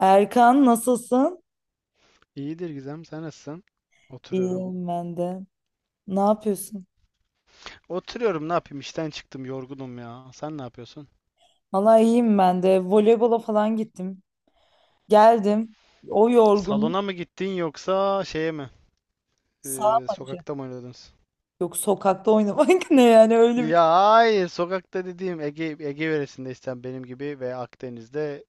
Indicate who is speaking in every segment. Speaker 1: Erkan, nasılsın?
Speaker 2: İyidir Gizem, sen nasılsın? Oturuyorum.
Speaker 1: İyiyim ben de. Ne yapıyorsun?
Speaker 2: Oturuyorum, ne yapayım? İşten çıktım, yorgunum ya. Sen ne yapıyorsun?
Speaker 1: Valla iyiyim ben de. Voleybola falan gittim. Geldim. O yorgun
Speaker 2: Salona mı gittin yoksa şeye mi?
Speaker 1: sağ
Speaker 2: Ee,
Speaker 1: maçı.
Speaker 2: sokakta mı oynadınız?
Speaker 1: Yok, sokakta oynamak ne yani öyle bir
Speaker 2: Ya hayır, sokakta dediğim Ege yöresindeysen benim gibi ve Akdeniz'de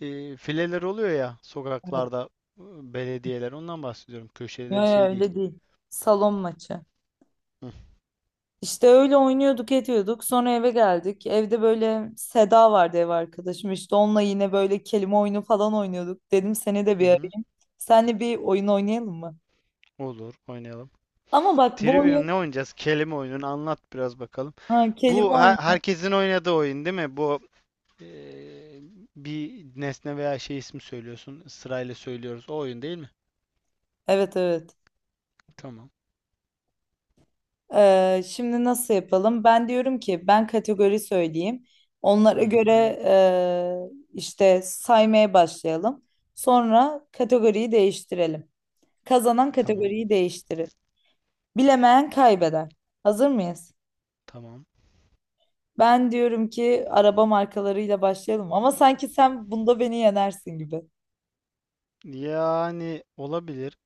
Speaker 2: fileler oluyor ya
Speaker 1: şey mi? Yok
Speaker 2: sokaklarda e, belediyeler. Ondan bahsediyorum.
Speaker 1: yok,
Speaker 2: Köşeleri şey değil.
Speaker 1: öyle değil. Salon maçı.
Speaker 2: Hı
Speaker 1: İşte öyle oynuyorduk ediyorduk. Sonra eve geldik. Evde böyle Seda vardı, ev arkadaşım. İşte onunla yine böyle kelime oyunu falan oynuyorduk. Dedim seni de bir
Speaker 2: hı. Hı.
Speaker 1: arayayım. Seninle bir oyun oynayalım mı?
Speaker 2: Olur, oynayalım.
Speaker 1: Ama bak, bu oyun...
Speaker 2: Trivium ne oynayacağız? Kelime oyununu anlat biraz bakalım.
Speaker 1: Ha, kelime
Speaker 2: Bu
Speaker 1: oyunu.
Speaker 2: herkesin oynadığı oyun değil mi? Bu Ee, bir nesne veya şey ismi söylüyorsun. Sırayla söylüyoruz. O oyun değil mi?
Speaker 1: Evet evet.
Speaker 2: Tamam.
Speaker 1: Şimdi nasıl yapalım? Ben diyorum ki ben kategori söyleyeyim. Onlara
Speaker 2: Hı hı.
Speaker 1: göre işte saymaya başlayalım. Sonra kategoriyi değiştirelim. Kazanan
Speaker 2: Tamam.
Speaker 1: kategoriyi değiştirir. Bilemeyen kaybeder. Hazır mıyız?
Speaker 2: Tamam.
Speaker 1: Ben diyorum ki araba markalarıyla başlayalım. Ama sanki sen bunda beni yenersin gibi.
Speaker 2: Yani olabilir.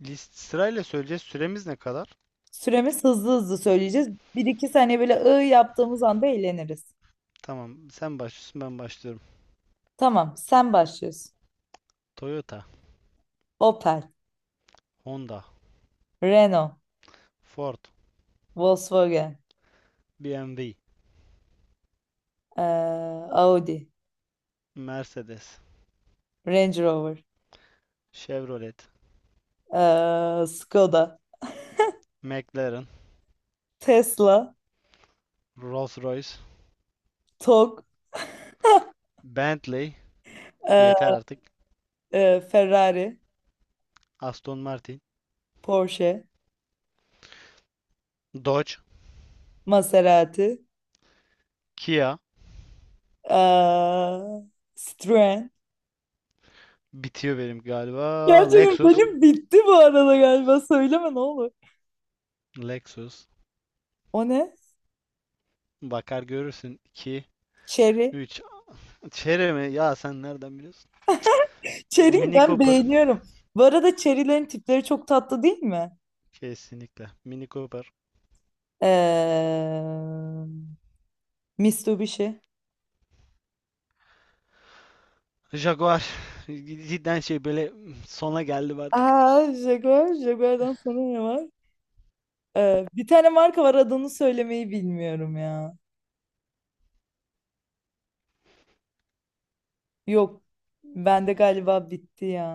Speaker 2: List sırayla söyleyeceğiz. Süremiz ne kadar?
Speaker 1: Süremiz hızlı hızlı söyleyeceğiz. Bir iki saniye böyle yaptığımız anda eğleniriz.
Speaker 2: Tamam. Sen başlıyorsun, ben başlıyorum.
Speaker 1: Tamam, sen başlıyorsun.
Speaker 2: Toyota,
Speaker 1: Opel,
Speaker 2: Honda,
Speaker 1: Renault,
Speaker 2: Ford,
Speaker 1: Volkswagen.
Speaker 2: BMW,
Speaker 1: Ee, Audi,
Speaker 2: Mercedes,
Speaker 1: Range Rover,
Speaker 2: Chevrolet,
Speaker 1: Skoda,
Speaker 2: McLaren,
Speaker 1: Tesla,
Speaker 2: Rolls-Royce,
Speaker 1: Tok,
Speaker 2: Bentley, yeter
Speaker 1: ee,
Speaker 2: artık.
Speaker 1: Ferrari,
Speaker 2: Aston Martin,
Speaker 1: Porsche,
Speaker 2: Dodge,
Speaker 1: Maserati,
Speaker 2: Kia,
Speaker 1: ee, Citroen.
Speaker 2: bitiyor benim galiba.
Speaker 1: Gerçekten
Speaker 2: Lexus,
Speaker 1: benim bitti bu arada galiba. Söyleme, ne olur.
Speaker 2: Lexus,
Speaker 1: O ne?
Speaker 2: bakar görürsün. İki
Speaker 1: Cherry.
Speaker 2: 3. Chery mi? Ya sen nereden biliyorsun?
Speaker 1: Cherry'yi
Speaker 2: Mini
Speaker 1: ben
Speaker 2: Cooper.
Speaker 1: beğeniyorum. Bu arada cherry'lerin tipleri çok tatlı değil mi?
Speaker 2: Kesinlikle. Mini Cooper.
Speaker 1: Ee, Mitsubishi.
Speaker 2: Jaguar. Cidden şey böyle sona geldi artık.
Speaker 1: Aa, Jaguar. Jaguar'dan sonra ne var? Bir tane marka var, adını söylemeyi bilmiyorum ya. Yok. Bende galiba bitti ya.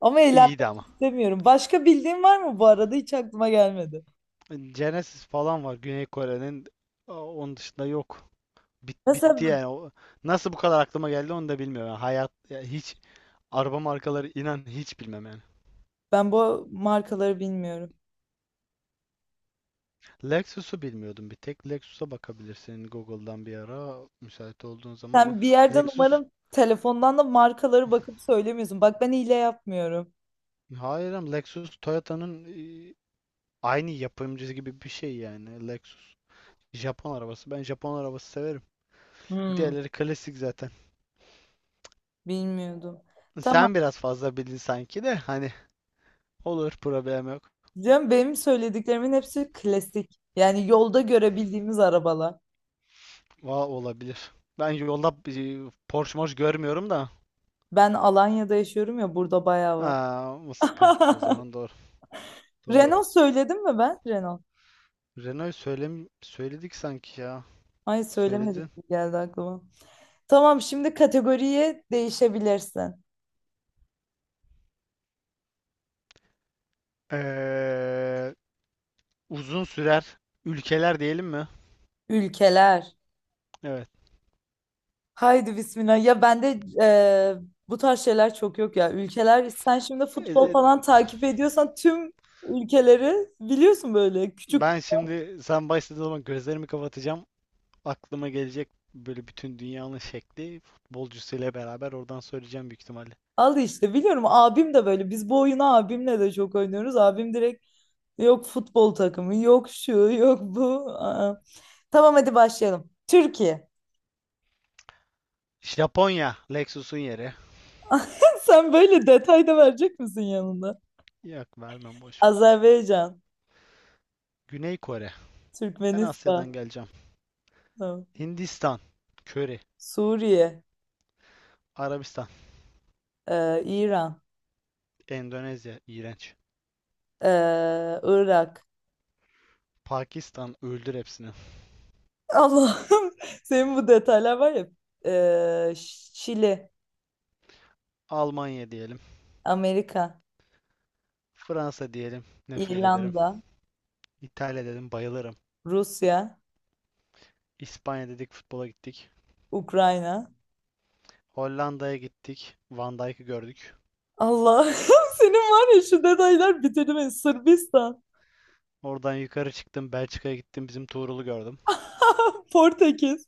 Speaker 1: Ama
Speaker 2: İyiydi
Speaker 1: eğlenmek
Speaker 2: ama.
Speaker 1: istemiyorum. Başka bildiğin var mı bu arada? Hiç aklıma gelmedi.
Speaker 2: Genesis falan var Güney Kore'nin. Aa, onun dışında yok.
Speaker 1: Mesela
Speaker 2: Bitti
Speaker 1: b-
Speaker 2: yani. Nasıl bu kadar aklıma geldi onu da bilmiyorum. Yani hayat ya hiç araba markaları inan hiç bilmem yani.
Speaker 1: ben bu markaları bilmiyorum.
Speaker 2: Lexus'u bilmiyordum bir tek. Lexus'a bakabilirsin Google'dan bir ara müsait olduğun zaman.
Speaker 1: Sen bir yerden
Speaker 2: Lexus
Speaker 1: umarım telefondan da markaları bakıp söylemiyorsun. Bak, ben hile yapmıyorum.
Speaker 2: Hayır ama Lexus Toyota'nın e, aynı yapımcısı gibi bir şey yani. Lexus Japon arabası. Ben Japon arabası severim.
Speaker 1: Hmm,
Speaker 2: Diğerleri klasik zaten.
Speaker 1: bilmiyordum. Tamam.
Speaker 2: Sen biraz fazla bildin sanki de hani olur problem yok.
Speaker 1: Diyorum, benim söylediklerimin hepsi klasik. Yani yolda görebildiğimiz arabalar.
Speaker 2: Olabilir. Ben yolda Porsche moş görmüyorum da.
Speaker 1: Ben Alanya'da yaşıyorum ya, burada bayağı var.
Speaker 2: Aa, o sıkıntı. O zaman doğru. Doğru.
Speaker 1: Renault söyledim mi ben? Renault.
Speaker 2: Renault'u söyledik sanki ya.
Speaker 1: Ay,
Speaker 2: Söyledin.
Speaker 1: söylemedik gibi geldi aklıma. Tamam, şimdi kategoriye değişebilirsin.
Speaker 2: Ee, uzun sürer ülkeler diyelim mi?
Speaker 1: Ülkeler.
Speaker 2: Evet.
Speaker 1: Haydi bismillah. Ya bende eee bu tarz şeyler çok yok ya. Ülkeler, sen şimdi
Speaker 2: E,
Speaker 1: futbol
Speaker 2: e,
Speaker 1: falan takip ediyorsan tüm ülkeleri biliyorsun böyle küçük.
Speaker 2: Ben şimdi sen başladığın zaman gözlerimi kapatacağım. Aklıma gelecek böyle bütün dünyanın şekli futbolcusuyla beraber oradan söyleyeceğim büyük ihtimalle.
Speaker 1: Al işte biliyorum, abim de böyle. Biz bu oyunu abimle de çok oynuyoruz. Abim direkt yok futbol takımı, yok şu, yok bu. Aa. Tamam, hadi başlayalım. Türkiye.
Speaker 2: Japonya, Lexus'un yeri.
Speaker 1: Sen böyle detay da verecek misin yanında?
Speaker 2: Yok vermem boş ver.
Speaker 1: Azerbaycan,
Speaker 2: Güney Kore. Ben Asya'dan
Speaker 1: Türkmenistan,
Speaker 2: geleceğim.
Speaker 1: tamam.
Speaker 2: Hindistan, köri.
Speaker 1: Suriye,
Speaker 2: Arabistan,
Speaker 1: İran,
Speaker 2: Endonezya, iğrenç.
Speaker 1: e, Irak.
Speaker 2: Pakistan, öldür hepsini.
Speaker 1: Allah'ım senin bu detaylar var ya. E, Şili,
Speaker 2: Almanya diyelim.
Speaker 1: Amerika,
Speaker 2: Fransa diyelim. Nefret ederim.
Speaker 1: İrlanda,
Speaker 2: İtalya dedim, bayılırım.
Speaker 1: Rusya,
Speaker 2: İspanya dedik, futbola gittik.
Speaker 1: Ukrayna.
Speaker 2: Hollanda'ya gittik. Van Dijk'ı gördük.
Speaker 1: Allah'ım senin var ya şu detaylar bitirdi beni. Sırbistan,
Speaker 2: Oradan yukarı çıktım. Belçika'ya gittim. Bizim Tuğrul'u gördüm.
Speaker 1: Portekiz,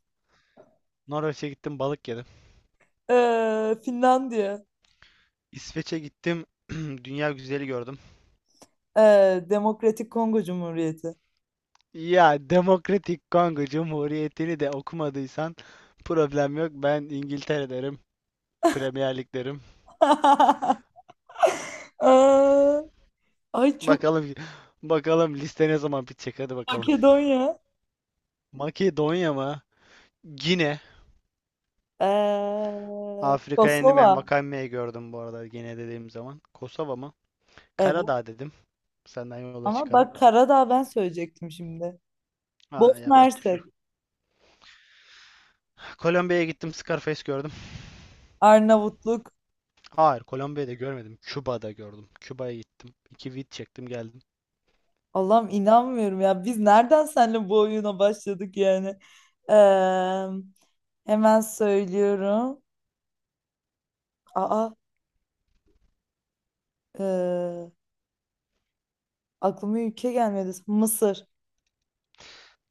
Speaker 2: Norveç'e gittim. Balık yedim.
Speaker 1: Finlandiya,
Speaker 2: İsveç'e gittim. Dünya güzeli gördüm.
Speaker 1: e, Demokratik Kongo Cumhuriyeti.
Speaker 2: Ya Demokratik Kongo Cumhuriyeti'ni de okumadıysan problem yok. Ben İngiltere derim. Premier Lig derim.
Speaker 1: Aa, ay çok
Speaker 2: Bakalım bakalım liste ne zaman bitecek. Hadi bakalım.
Speaker 1: Makedonya.
Speaker 2: Makedonya mı? Gine. Afrika'ya indim.
Speaker 1: Kosova.
Speaker 2: Envakame'yi gördüm bu arada. Gine dediğim zaman. Kosova mı?
Speaker 1: Evet.
Speaker 2: Karadağ dedim. Senden yola
Speaker 1: Ama
Speaker 2: çıkarak.
Speaker 1: bak, Karadağ ben söyleyecektim şimdi.
Speaker 2: Ha,
Speaker 1: Bosna
Speaker 2: yapacak bir şey
Speaker 1: Hersek.
Speaker 2: yok. Kolombiya'ya gittim. Scarface gördüm.
Speaker 1: Arnavutluk.
Speaker 2: Hayır, Kolombiya'da görmedim. Küba'da gördüm. Küba'ya gittim. İki vid çektim geldim.
Speaker 1: Allah'ım, inanmıyorum ya. Biz nereden seninle bu oyuna başladık yani? Ee, Hemen söylüyorum. Aa, ee, aklıma ülke gelmedi. Mısır.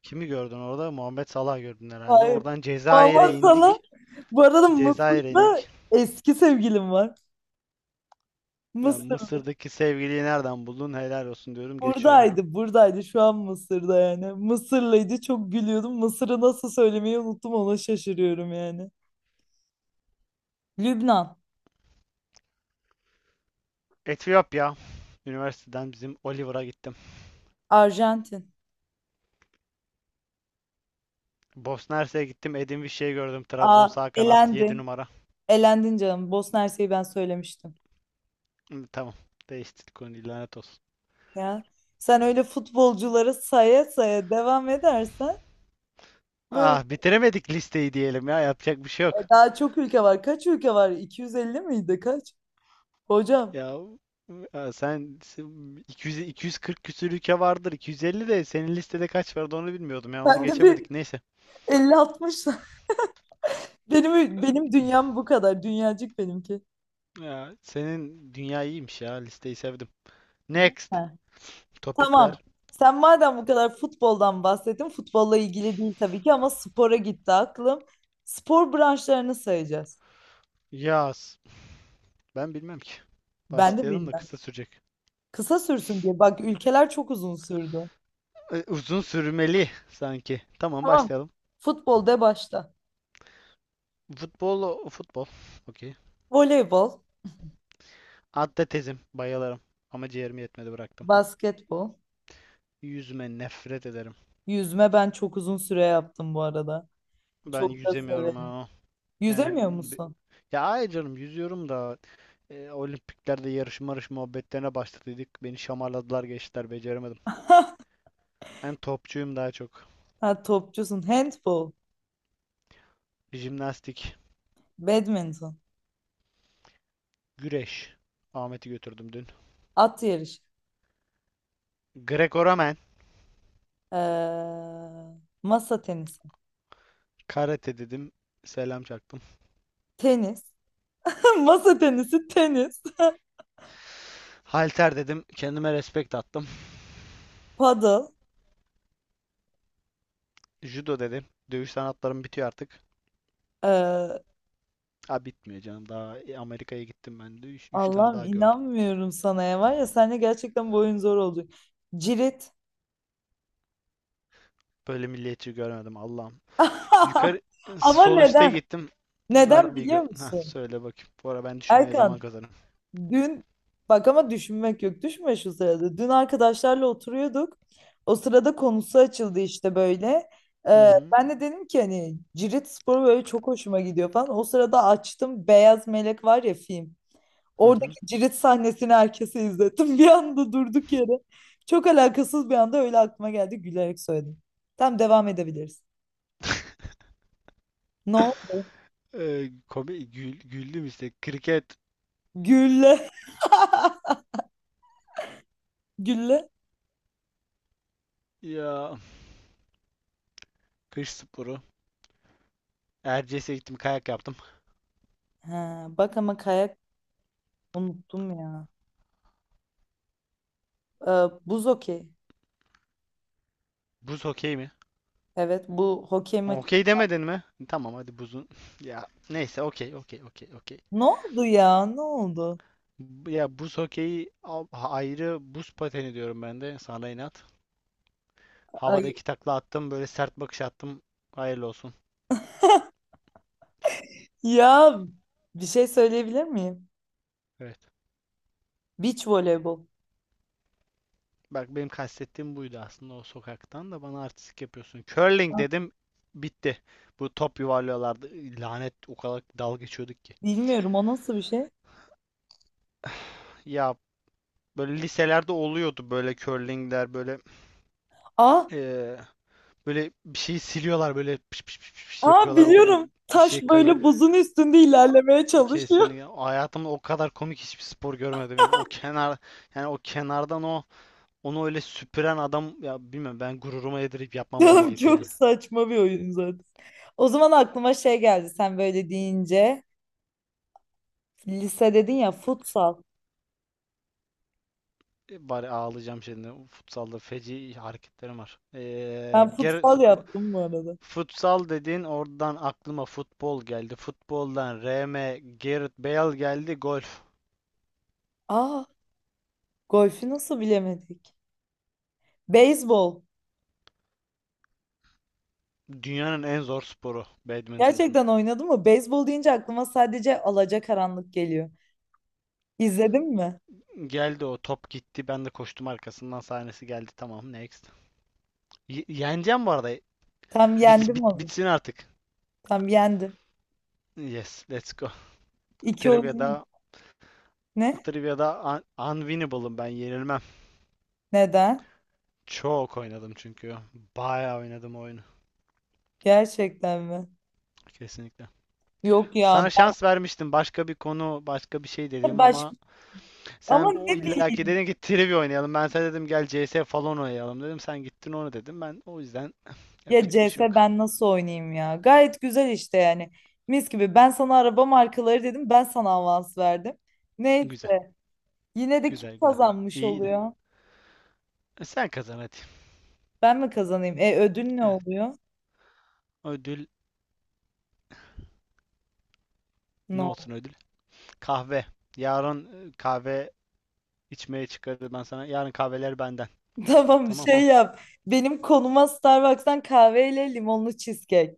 Speaker 2: Kimi gördün orada? Muhammed Salah gördün herhalde.
Speaker 1: Hayır.
Speaker 2: Oradan Cezayir'e
Speaker 1: Vallahi sana.
Speaker 2: indik.
Speaker 1: Bu arada
Speaker 2: Cezayir'e
Speaker 1: Mısır'da
Speaker 2: indik.
Speaker 1: eski sevgilim var. Mısır.
Speaker 2: Yani Mısır'daki sevgiliyi nereden buldun? Helal olsun diyorum. Geçiyorum.
Speaker 1: Buradaydı, buradaydı. Şu an Mısır'da yani. Mısırlıydı. Çok gülüyordum. Mısır'ı nasıl söylemeyi unuttum. Ona şaşırıyorum yani. Lübnan,
Speaker 2: Etiyopya. Üniversiteden bizim Oliver'a gittim.
Speaker 1: Arjantin.
Speaker 2: Bosna Hersek'e gittim. Edin Vişçe'yi gördüm. Trabzon
Speaker 1: Aa,
Speaker 2: sağ kanat 7
Speaker 1: elendin.
Speaker 2: numara.
Speaker 1: Elendin canım. Bosna Hersek'i ben söylemiştim.
Speaker 2: Hı, tamam. Değiştirdik onu. Lanet olsun.
Speaker 1: Ya. Sen öyle futbolcuları saya saya devam edersen böyle...
Speaker 2: Ah bitiremedik listeyi diyelim ya. Yapacak bir şey yok.
Speaker 1: Daha çok ülke var. Kaç ülke var? 250 miydi? Kaç? Hocam,
Speaker 2: Ya ya sen 200 240 küsür ülke vardır. 250 de senin listede kaç vardı onu bilmiyordum ya. Onu
Speaker 1: ben de bir
Speaker 2: geçemedik. Neyse.
Speaker 1: 50-60. Benim dünyam bu kadar. Dünyacık benimki.
Speaker 2: Ya senin dünya iyiymiş ya. Listeyi sevdim.
Speaker 1: Değil
Speaker 2: Next.
Speaker 1: mi?
Speaker 2: Topik
Speaker 1: Tamam.
Speaker 2: ver.
Speaker 1: Sen madem bu kadar futboldan bahsettin, futbolla ilgili değil tabii ki ama spora gitti aklım. Spor branşlarını sayacağız.
Speaker 2: Yaz. Ben bilmem ki.
Speaker 1: Ben de
Speaker 2: Başlayalım da
Speaker 1: bilmem.
Speaker 2: kısa sürecek.
Speaker 1: Kısa sürsün diye. Bak, ülkeler çok uzun sürdü.
Speaker 2: Uzun sürmeli sanki. Tamam
Speaker 1: Tamam.
Speaker 2: başlayalım.
Speaker 1: Futbol de başta.
Speaker 2: Futbol. Okey.
Speaker 1: Voleybol,
Speaker 2: Atletizm bayılırım ama ciğerim yetmedi bıraktım.
Speaker 1: basketbol,
Speaker 2: Yüzme nefret ederim.
Speaker 1: yüzme ben çok uzun süre yaptım bu arada.
Speaker 2: Ben
Speaker 1: Çok da
Speaker 2: yüzemiyorum
Speaker 1: severim.
Speaker 2: ha. Yani
Speaker 1: Yüzemiyor
Speaker 2: be-
Speaker 1: musun?
Speaker 2: ya ay canım yüzüyorum da olimpiklerde yarış marış muhabbetlerine başladıydık. Beni şamarladılar geçtiler beceremedim. Ben topçuyum daha çok.
Speaker 1: Ha, topçusun. Handbol,
Speaker 2: Jimnastik,
Speaker 1: badminton,
Speaker 2: güreş. Ahmet'i götürdüm dün.
Speaker 1: at yarışı,
Speaker 2: Greco-Romen,
Speaker 1: ee, masa tenisi,
Speaker 2: karate dedim. Selam çaktım.
Speaker 1: tenis. Masa tenisi, tenis,
Speaker 2: Halter dedim. Kendime respekt attım.
Speaker 1: paddle.
Speaker 2: Judo dedim. Dövüş sanatlarım bitiyor artık.
Speaker 1: Ee,
Speaker 2: Ha bitmiyor canım. Daha Amerika'ya gittim ben de. 3 tane
Speaker 1: Allah'ım
Speaker 2: daha gördüm.
Speaker 1: inanmıyorum sana ya. Var ya, seninle gerçekten bu oyun zor oldu. Cirit.
Speaker 2: Böyle milliyetçi görmedim Allah'ım. Yukarı
Speaker 1: Ama
Speaker 2: sol üste
Speaker 1: neden?
Speaker 2: gittim.
Speaker 1: Neden
Speaker 2: Rugby
Speaker 1: biliyor
Speaker 2: heh,
Speaker 1: musun?
Speaker 2: söyle bakayım. Bu ara ben düşünmeye zaman
Speaker 1: Erkan,
Speaker 2: kazanırım.
Speaker 1: dün bak ama düşünmek yok. Düşünme şu sırada. Dün arkadaşlarla oturuyorduk. O sırada konusu açıldı işte böyle.
Speaker 2: Hı hı.
Speaker 1: Ben de dedim ki hani cirit sporu böyle çok hoşuma gidiyor falan. O sırada açtım Beyaz Melek var ya, film.
Speaker 2: Hı hı.
Speaker 1: Oradaki cirit sahnesini herkese izlettim. Bir anda durduk yere. Çok alakasız bir anda öyle aklıma geldi. Gülerek söyledim. Tamam, devam edebiliriz. No.
Speaker 2: Komik güldüm işte. Kriket
Speaker 1: Gülle. Gülle.
Speaker 2: ya kış sporu. Erciyes'e gittim kayak yaptım.
Speaker 1: Ha, bak ama kayak unuttum ya. Ee, Buz hokey.
Speaker 2: Buz okey mi?
Speaker 1: Evet, bu hokey maçı.
Speaker 2: Okey demedin mi? Tamam hadi buzun. Ya neyse okey okey okey okey.
Speaker 1: Ne oldu ya? Ne oldu?
Speaker 2: Ya buz hokeyi ayrı buz pateni diyorum ben de sana inat. Havada
Speaker 1: Ay.
Speaker 2: iki takla attım böyle sert bakış attım. Hayırlı olsun.
Speaker 1: Ya, bir şey söyleyebilir miyim?
Speaker 2: Evet.
Speaker 1: Beach voleybol.
Speaker 2: Bak benim kastettiğim buydu aslında o sokaktan da bana artistik yapıyorsun. Curling
Speaker 1: Ah,
Speaker 2: dedim bitti. Bu top yuvarlıyorlardı. Lanet o kadar dalga geçiyorduk ki.
Speaker 1: bilmiyorum, o nasıl bir şey?
Speaker 2: Ya böyle liselerde oluyordu böyle curlingler böyle
Speaker 1: Aa,
Speaker 2: eee, böyle bir şeyi siliyorlar böyle piş piş piş piş
Speaker 1: aa
Speaker 2: yapıyorlar o
Speaker 1: biliyorum.
Speaker 2: bir
Speaker 1: Taş
Speaker 2: şey kayı.
Speaker 1: böyle buzun üstünde ilerlemeye çalışıyor.
Speaker 2: Kesinlikle. Hayatımda o kadar komik hiçbir spor görmedim yani. O kenar yani o kenardan onu öyle süpüren adam ya bilmiyorum ben gururuma yedirip yapmam o
Speaker 1: Tamam Tamam,
Speaker 2: hareketi
Speaker 1: çok
Speaker 2: yani.
Speaker 1: saçma bir oyun zaten. O zaman aklıma şey geldi sen böyle deyince. Lise dedin ya, futsal.
Speaker 2: Bari ağlayacağım şimdi. Futsalda feci hareketlerim var.
Speaker 1: Ben
Speaker 2: Ger
Speaker 1: futsal
Speaker 2: futbol,
Speaker 1: yaptım bu arada.
Speaker 2: futsal dedin oradan aklıma futbol geldi. Futboldan R. M. Gareth Bale geldi. Golf.
Speaker 1: Aa, golfü nasıl bilemedik? Beyzbol.
Speaker 2: Dünyanın en zor sporu badminton.
Speaker 1: Gerçekten oynadın mı? Beyzbol deyince aklıma sadece Alacakaranlık geliyor. İzledin mi?
Speaker 2: Geldi o top gitti. Ben de koştum arkasından sahnesi geldi. Tamam next. Yeneceğim bu arada.
Speaker 1: Tam
Speaker 2: Bit,
Speaker 1: yendim
Speaker 2: bit,
Speaker 1: onu.
Speaker 2: bitsin artık.
Speaker 1: Tam yendim.
Speaker 2: Yes, let's go.
Speaker 1: İki oyunu
Speaker 2: Trivia'da
Speaker 1: ne?
Speaker 2: Trivia'da unwinnable'ım ben yenilmem.
Speaker 1: Neden?
Speaker 2: Çok oynadım çünkü. Bayağı oynadım oyunu.
Speaker 1: Gerçekten mi?
Speaker 2: Kesinlikle.
Speaker 1: Yok ya.
Speaker 2: Sana şans vermiştim. Başka bir konu, başka bir şey
Speaker 1: Ben de
Speaker 2: dedim
Speaker 1: baş...
Speaker 2: ama
Speaker 1: Ama
Speaker 2: sen o
Speaker 1: ne,
Speaker 2: illaki dedin ki trivia oynayalım. Ben sana dedim gel CS falan oynayalım dedim. Sen gittin onu dedim. Ben o yüzden
Speaker 1: ya
Speaker 2: yapacak bir şey
Speaker 1: CS
Speaker 2: yok.
Speaker 1: ben nasıl oynayayım ya? Gayet güzel işte yani. Mis gibi. Ben sana araba markaları dedim. Ben sana avans verdim. Ne?
Speaker 2: Güzel,
Speaker 1: Yine de kim
Speaker 2: güzel, güzel.
Speaker 1: kazanmış
Speaker 2: İyiydi.
Speaker 1: oluyor?
Speaker 2: Sen kazan hadi.
Speaker 1: Ben mi kazanayım? E, ödül ne
Speaker 2: Evet.
Speaker 1: oluyor?
Speaker 2: Ödül ne
Speaker 1: No.
Speaker 2: olsun ödül? Kahve. Yarın kahve içmeye çıkarız ben sana. Yarın kahveler benden.
Speaker 1: Tamam,
Speaker 2: Tamam.
Speaker 1: şey yap. Benim konuma Starbucks'tan kahveyle limonlu cheesecake.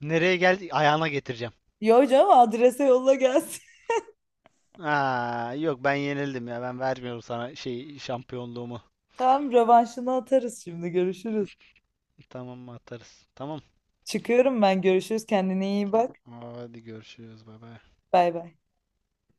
Speaker 2: Nereye geldi? Ayağına getireceğim.
Speaker 1: Yo canım, adrese yolla gelsin.
Speaker 2: Aa, yok ben yenildim ya. Ben vermiyorum sana şey şampiyonluğumu.
Speaker 1: Tamam, rövanşını atarız şimdi. Görüşürüz.
Speaker 2: Tamam mı atarız? Tamam.
Speaker 1: Çıkıyorum ben. Görüşürüz. Kendine iyi
Speaker 2: Tamam.
Speaker 1: bak.
Speaker 2: Hadi görüşürüz. Bay bay.
Speaker 1: Bay bay.